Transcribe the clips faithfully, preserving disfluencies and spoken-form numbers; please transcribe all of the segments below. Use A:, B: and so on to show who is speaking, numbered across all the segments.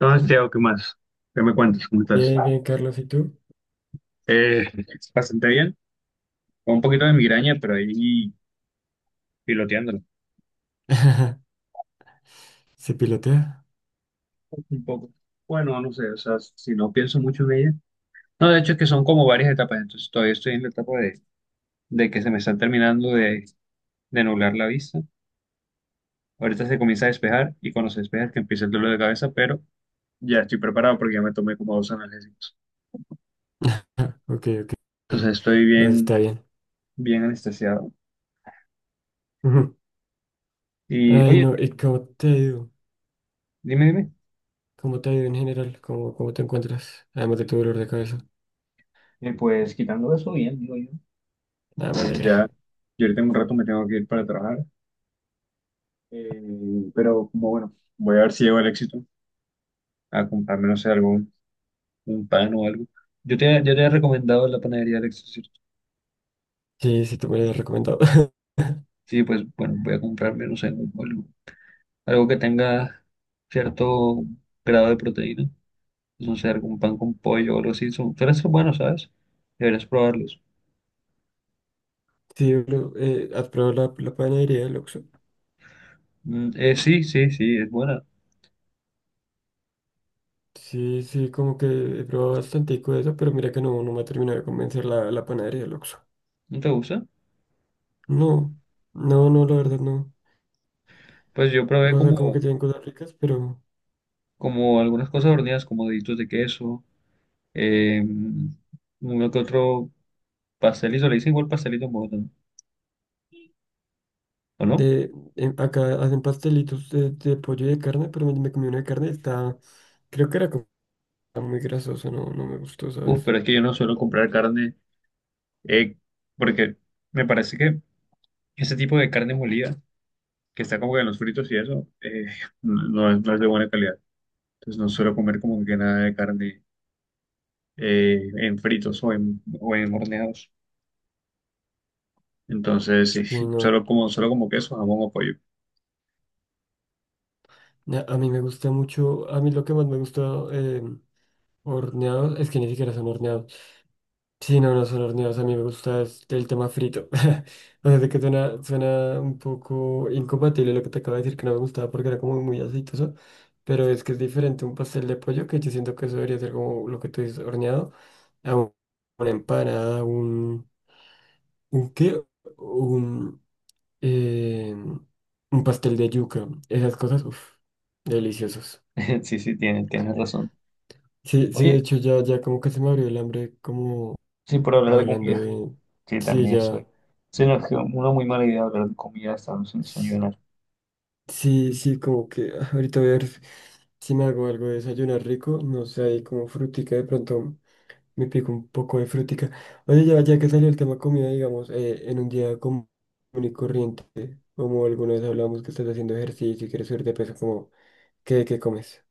A: Entonces, Diego, ¿qué más? ¿Qué me cuentas? ¿Cómo estás?
B: Bien, bien, Carlos, ¿y tú?
A: Eh, bastante bien, con un poquito de migraña, pero ahí piloteándolo.
B: ¿Se pilotea?
A: Un poco. Bueno, no sé, o sea, si no pienso mucho en ella. No, de hecho es que son como varias etapas, entonces todavía estoy en la etapa de, de que se me está terminando de, de nublar la vista. Ahorita se comienza a despejar y cuando se despeja es que empieza el dolor de cabeza, pero ya estoy preparado porque ya me tomé como dos analgésicos.
B: Ok, ok.
A: Entonces estoy
B: Eso
A: bien,
B: está bien.
A: bien anestesiado.
B: Ujú.
A: Y
B: Ay,
A: oye,
B: no, ¿y cómo te ha ido?
A: dime, dime.
B: ¿Cómo te ha ido en general? ¿Cómo, cómo te encuentras? Además de tu dolor de cabeza.
A: Eh, pues quitando eso, bien, digo yo.
B: Nada, me
A: Bien, ya.
B: alegra.
A: Yo ahorita en un rato me tengo que ir para trabajar, eh, pero como bueno, voy a ver si llego al éxito a comprarme, no sé, algún un pan o algo. Yo te, yo te he recomendado la panadería del éxito, ¿cierto?
B: Sí, sí, te me lo habías recomendado.
A: Sí, pues bueno, voy a comprarme, no sé, algo, algo que tenga cierto grado de proteína, pues, no sé, algún pan con pollo o algo así. Son, suelen ser buenos, ¿sabes? Deberías probarlos.
B: Sí, bro, eh, ¿has probado la, la panadería del Oxxo?
A: Mm, eh, sí, sí, sí, es buena.
B: Sí, sí, como que he probado bastante de eso, pero mira que no, no me ha terminado de convencer la, la panadería del Oxxo.
A: ¿No te gusta?
B: No, no, no, la verdad no.
A: Pues yo probé
B: O sea, como que
A: como,
B: tienen cosas ricas, pero...
A: como algunas cosas horneadas, como deditos de queso. Eh, uno que otro pastelito, le dicen igual pastelito en Bogotá, ¿o no?
B: De, em, acá hacen pastelitos de, de pollo y de carne, pero me, me comí una de carne y estaba, creo que era como muy grasosa, no, no me gustó,
A: Uf,
B: ¿sabes?
A: pero es que yo no suelo comprar carne, eh, porque me parece que ese tipo de carne molida, que está como que en los fritos y eso, eh, no, no es, no es de buena calidad. Entonces no suelo comer como que nada de carne eh, en fritos o en, o en horneados. Entonces
B: Sí,
A: sí,
B: no,
A: solo como, solo como queso, jamón o pollo.
B: na- a mí me gusta mucho, a mí lo que más me gusta eh, horneados, es que ni siquiera son horneados. Sí, no, no son horneados. A mí me gusta es el tema frito. O sea, sé si que suena, suena un poco incompatible lo que te acabo de decir, que no me gustaba porque era como muy aceitoso. Pero es que es diferente un pastel de pollo, que yo siento que eso debería ser como lo que tú dices, horneado, a un- una empanada, un, un qué, un, eh, un pastel de yuca. Esas cosas, uff, deliciosos.
A: Sí, sí, tienes, tienes razón.
B: Sí, sí, de
A: Oye,
B: hecho ya, ya como que se me abrió el hambre, como
A: sí, por hablar de
B: hablando
A: comida,
B: de...
A: que
B: Sí,
A: también
B: ya.
A: soy. Se nos quedó una muy mala idea hablar de comida estando sin desayunar.
B: Sí, sí, como que ah, ahorita voy a ver si me hago algo de desayunar rico, no sé, ahí como frutica, de pronto me pico un poco de frutica. Oye, ya, ya que salió el tema comida, digamos, eh, en un día común y corriente, como alguna vez hablamos que estás haciendo ejercicio y quieres subir de peso, como, ¿qué, qué comes?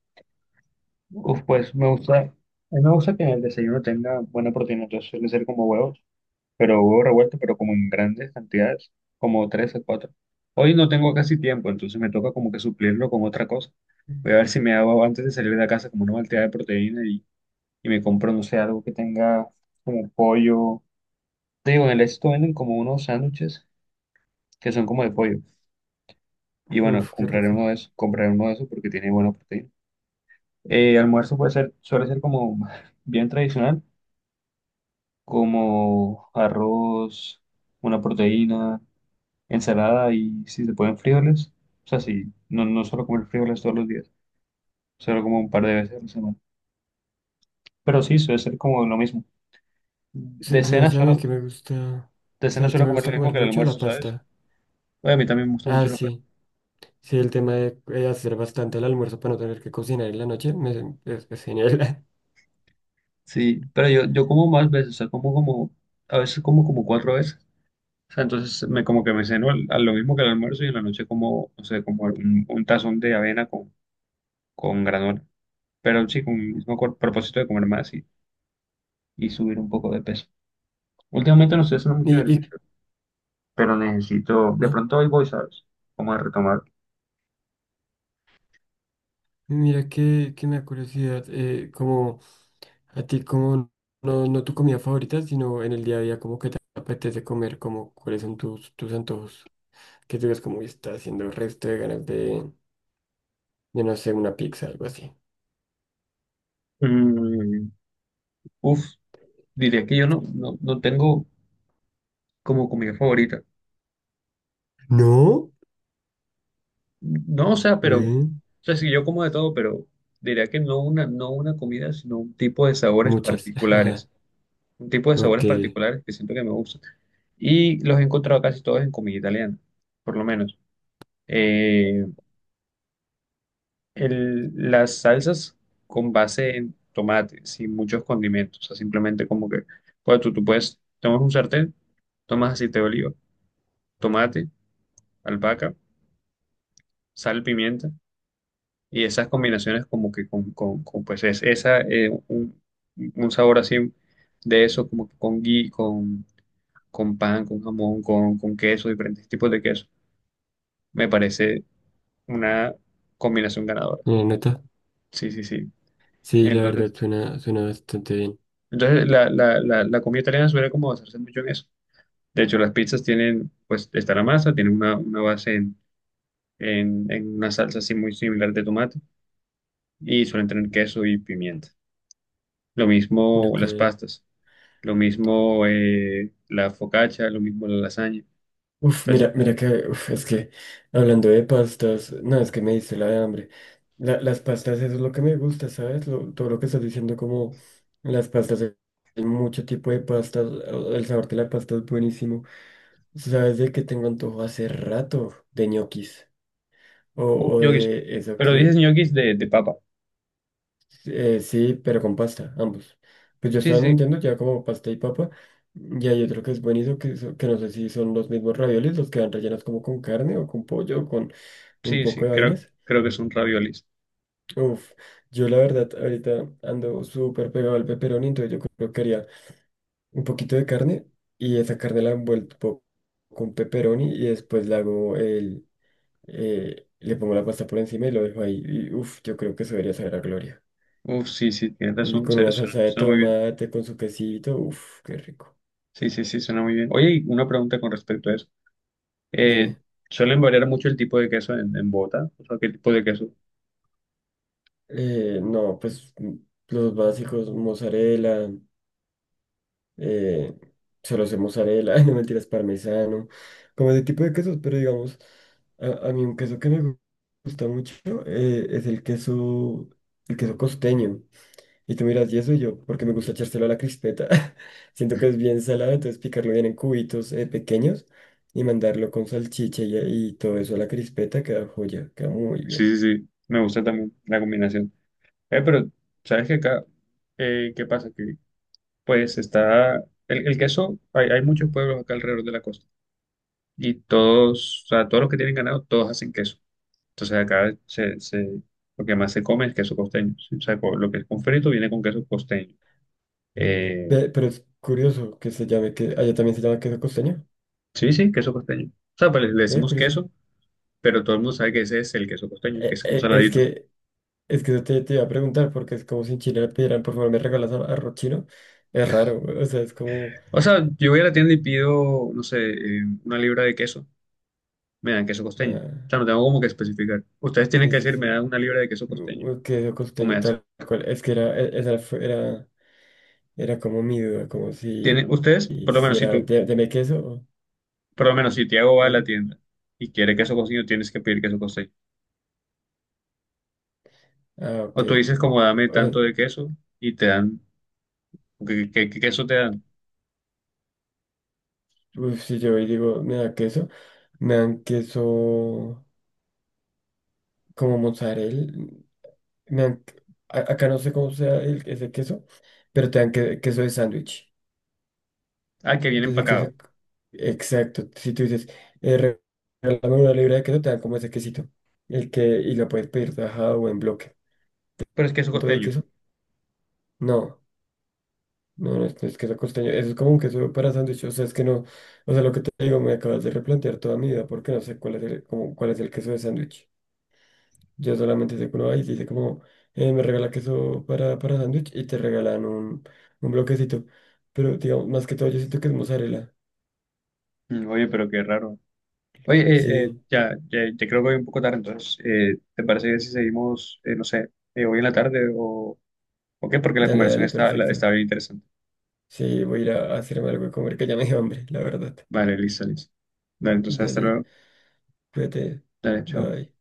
A: Uf, pues me gusta, a mí me gusta que en el desayuno tenga buena proteína, entonces suele ser como huevos, pero huevos revueltos, pero como en grandes cantidades, como tres o cuatro. Hoy no tengo casi tiempo, entonces me toca como que suplirlo con otra cosa. Voy a ver si me hago antes de salir de la casa como una malteada de proteína y, y me compro, no sé, algo que tenga como pollo. Te digo, en el esto venden como unos sándwiches que son como de pollo. Y bueno,
B: Uf, qué
A: compraré uno de
B: rico.
A: esos, compraré uno de esos porque tiene buena proteína. Eh, almuerzo puede ser, suele ser como bien tradicional, como arroz, una proteína, ensalada y si se pueden frijoles. O sea, sí, no, no suelo comer frijoles todos los días, solo como un par de veces a la semana. Pero sí, suele ser como lo mismo. De
B: Sa-
A: cena
B: ¿Sabes a mí
A: suelo,
B: que me gusta?
A: de cena
B: ¿Sabes que
A: suelo
B: me
A: comer lo
B: gusta
A: mismo
B: comer
A: que el
B: mucho? La
A: almuerzo, ¿sabes?
B: pasta.
A: Bueno, a mí también me gusta mucho
B: Ah,
A: el almuerzo.
B: sí. Sí, el tema de eh, hacer bastante el almuerzo para no tener que cocinar en la noche, me, es, es genial.
A: Sí, pero yo, yo como más veces, o sea, como como, a veces como como cuatro veces. O sea, entonces me como que me ceno al- a lo mismo que el almuerzo y en la noche como, no sé, como un, un tazón de avena con, con granola. Pero sí, con el mismo cor- propósito de comer más y, y subir un poco de peso. Últimamente no estoy haciendo mucho
B: Y, y,
A: ejercicio, pero necesito, de
B: ¿no?
A: pronto hoy voy, ¿sabes? Como a retomar.
B: Mira que, que me da curiosidad, eh, como a ti, como no, no tu comida favorita, sino en el día a día, como que te apetece comer, como cuáles son tus, tus antojos, que tú ves como está haciendo el resto de ganas de, de no sé, una pizza, algo así.
A: Mm, uf, diría que yo no, no, no tengo como comida favorita.
B: No,
A: No, o sea, pero, o
B: ve,
A: sea, sí, yo como de todo, pero diría que no una, no una comida, sino un tipo de sabores
B: muchas.
A: particulares. Un tipo de
B: Ok,
A: sabores particulares que siento que me gustan. Y los he encontrado casi todos en comida italiana, por lo menos. Eh, el- las salsas con base en tomate, sin muchos condimentos, o sea, simplemente como que, pues tú, tú puedes, tomas un sartén, tomas aceite de oliva, tomate, albahaca, sal, pimienta, y esas combinaciones como que con, con, con, pues es, esa, eh, un, un sabor así de eso, como que con gui, con, con pan, con jamón, con, con queso, diferentes tipos de queso me parece una combinación ganadora.
B: ¿una nota?
A: Sí, sí, sí.
B: Sí, la verdad
A: Entonces,
B: suena, suena bastante bien.
A: entonces la, la, la, la comida italiana suele como basarse mucho en eso. De hecho, las pizzas tienen, pues, está la masa, tienen una, una base en, en, en una salsa así muy similar de tomate y suelen tener queso y pimienta. Lo mismo
B: Ok.
A: las pastas, lo mismo eh, la focaccia, lo mismo la lasaña.
B: Uf,
A: Entonces,
B: mira, mira que, uf, es que hablando de pastas, no, es que me dice la de hambre. La- las pastas, eso es lo que me gusta, ¿sabes? Lo- todo lo que estás diciendo, como las pastas, hay mucho tipo de pastas, o- el sabor de la pasta es buenísimo. ¿Sabes de qué tengo antojo hace rato? De ñoquis, o,
A: uf,
B: o
A: ñoquis.
B: de eso
A: Pero dices
B: que,
A: ñoquis de, de papa.
B: eh, sí, pero con pasta, ambos. Pues yo
A: Sí,
B: estaba
A: sí,
B: entendiendo ya como pasta y papa, y hay otro que es buenísimo, que, so- que no sé si son los mismos raviolis, los que van rellenos como con carne o con pollo o con... un
A: sí,
B: poco
A: sí,
B: de
A: creo,
B: vainas.
A: creo que son raviolis.
B: Uf, yo la verdad ahorita ando súper pegado al pepperoni, entonces yo creo que haría un poquito de carne y esa carne la envuelvo con pepperoni y después le hago el, eh, le pongo la pasta por encima y lo dejo ahí. Y uf, yo creo que eso debería saber a gloria.
A: Uf, sí, sí, tienes
B: Y
A: razón,
B: con
A: se-
B: una
A: suena,
B: salsa de
A: suena muy bien.
B: tomate, con su quesito, uf, qué rico.
A: Sí, sí, sí, suena muy bien. Oye, y una pregunta con respecto a eso. Eh,
B: Dime.
A: ¿suelen variar mucho el tipo de queso en, en Bogotá? O sea, ¿qué tipo de queso?
B: Eh, no, pues mm, los básicos, mozzarella. Eh, solo sé mozzarella, no mentiras, parmesano, como ese tipo de quesos, pero digamos, a, a mí un queso que me gu- gusta mucho eh, es el queso, el queso costeño. Y tú miras, y eso y yo, porque me gusta echárselo a la crispeta. Siento que es bien salado, entonces picarlo bien en cubitos eh, pequeños y mandarlo con salchicha y, y todo eso a la crispeta queda joya, queda muy bien.
A: Sí, sí, sí, me gusta también la combinación. Eh, pero, ¿sabes qué acá? Eh, ¿qué pasa? Que, pues, está... El, el queso, hay, hay muchos pueblos acá alrededor de la costa. Y todos, o sea, todos los que tienen ganado, todos hacen queso. Entonces acá se, se, lo que más se come es queso costeño. ¿Sí? O sea, co- lo que es con frito viene con queso costeño. Eh,
B: Pe- pero es curioso que se llame, que allá también se llama queso costeño.
A: Sí, sí, queso costeño. O sea, pues le le
B: Ve,
A: decimos
B: curioso.
A: queso, pero todo el mundo sabe que ese es el queso costeño, que
B: Eh,
A: es un
B: eh, es
A: saladito.
B: que Es que eso te, te iba a preguntar, porque es como si en Chile le pidieran, por favor, me regalas ar- arroz chino. Es raro, o sea, es como.
A: O sea, yo voy a la tienda y pido, no sé, eh, una libra de queso, me dan queso costeño. O
B: Ah,
A: sea, no tengo como que especificar. Ustedes tienen
B: sí,
A: que
B: sí,
A: decir, me
B: sí.
A: dan una libra de queso costeño,
B: u- u- Queso
A: o me
B: costeño,
A: hacen.
B: tal cual. Es que era, e- esa fue- era, era como mi duda, como si,
A: Tienen, ustedes,
B: y
A: por lo
B: si
A: menos si
B: era,
A: tú,
B: de, deme queso o.
A: por lo menos si Tiago va a la
B: de-
A: tienda y quiere queso costeño, tienes que pedir queso costeño.
B: ah, ok.
A: O tú dices, como dame
B: O sea,
A: tanto de queso y te dan, ¿qué, qué- qué queso te dan?
B: uf, si yo hoy digo, me da queso, me dan queso como mozzarella. Me dan, a- acá no sé cómo sea el, ese queso, pero te dan que- queso de sándwich.
A: Ah, que viene
B: Desde que
A: empacado,
B: se- Exacto. Si tú dices, eh, re- regálame una libra de queso, te dan como ese quesito. El que... Y lo puedes pedir tajado o en bloque.
A: pero es queso
B: ¿Cuánto de
A: costeño.
B: queso? No. No, no es, no es queso costeño. Eso es como un queso para sándwich. O sea, es que no. O sea, lo que te digo, me acabas de replantear toda mi vida porque no sé cuál es el, como, cuál es el queso de sándwich. Yo solamente sé que uno va y dice como, eh, me regala queso para, para sándwich y te regalan un, un bloquecito. Pero digamos, más que todo, yo siento que es mozzarella.
A: Mm, oye, pero qué raro. Oye, eh, eh,
B: Sí.
A: ya, ya, ya creo que voy un poco tarde, entonces, eh, ¿te parece bien si seguimos, eh, no sé, eh, hoy en la tarde o, o qué? Porque la
B: Dale,
A: conversación
B: dale,
A: está, la- está
B: perfecto.
A: bien interesante.
B: Sí, voy a ir a hacerme algo de comer, que ya me dio hambre, la verdad.
A: Vale, listo, listo. Dale, entonces, hasta
B: Dale,
A: luego.
B: cuídate.
A: Dale, chao.
B: Bye.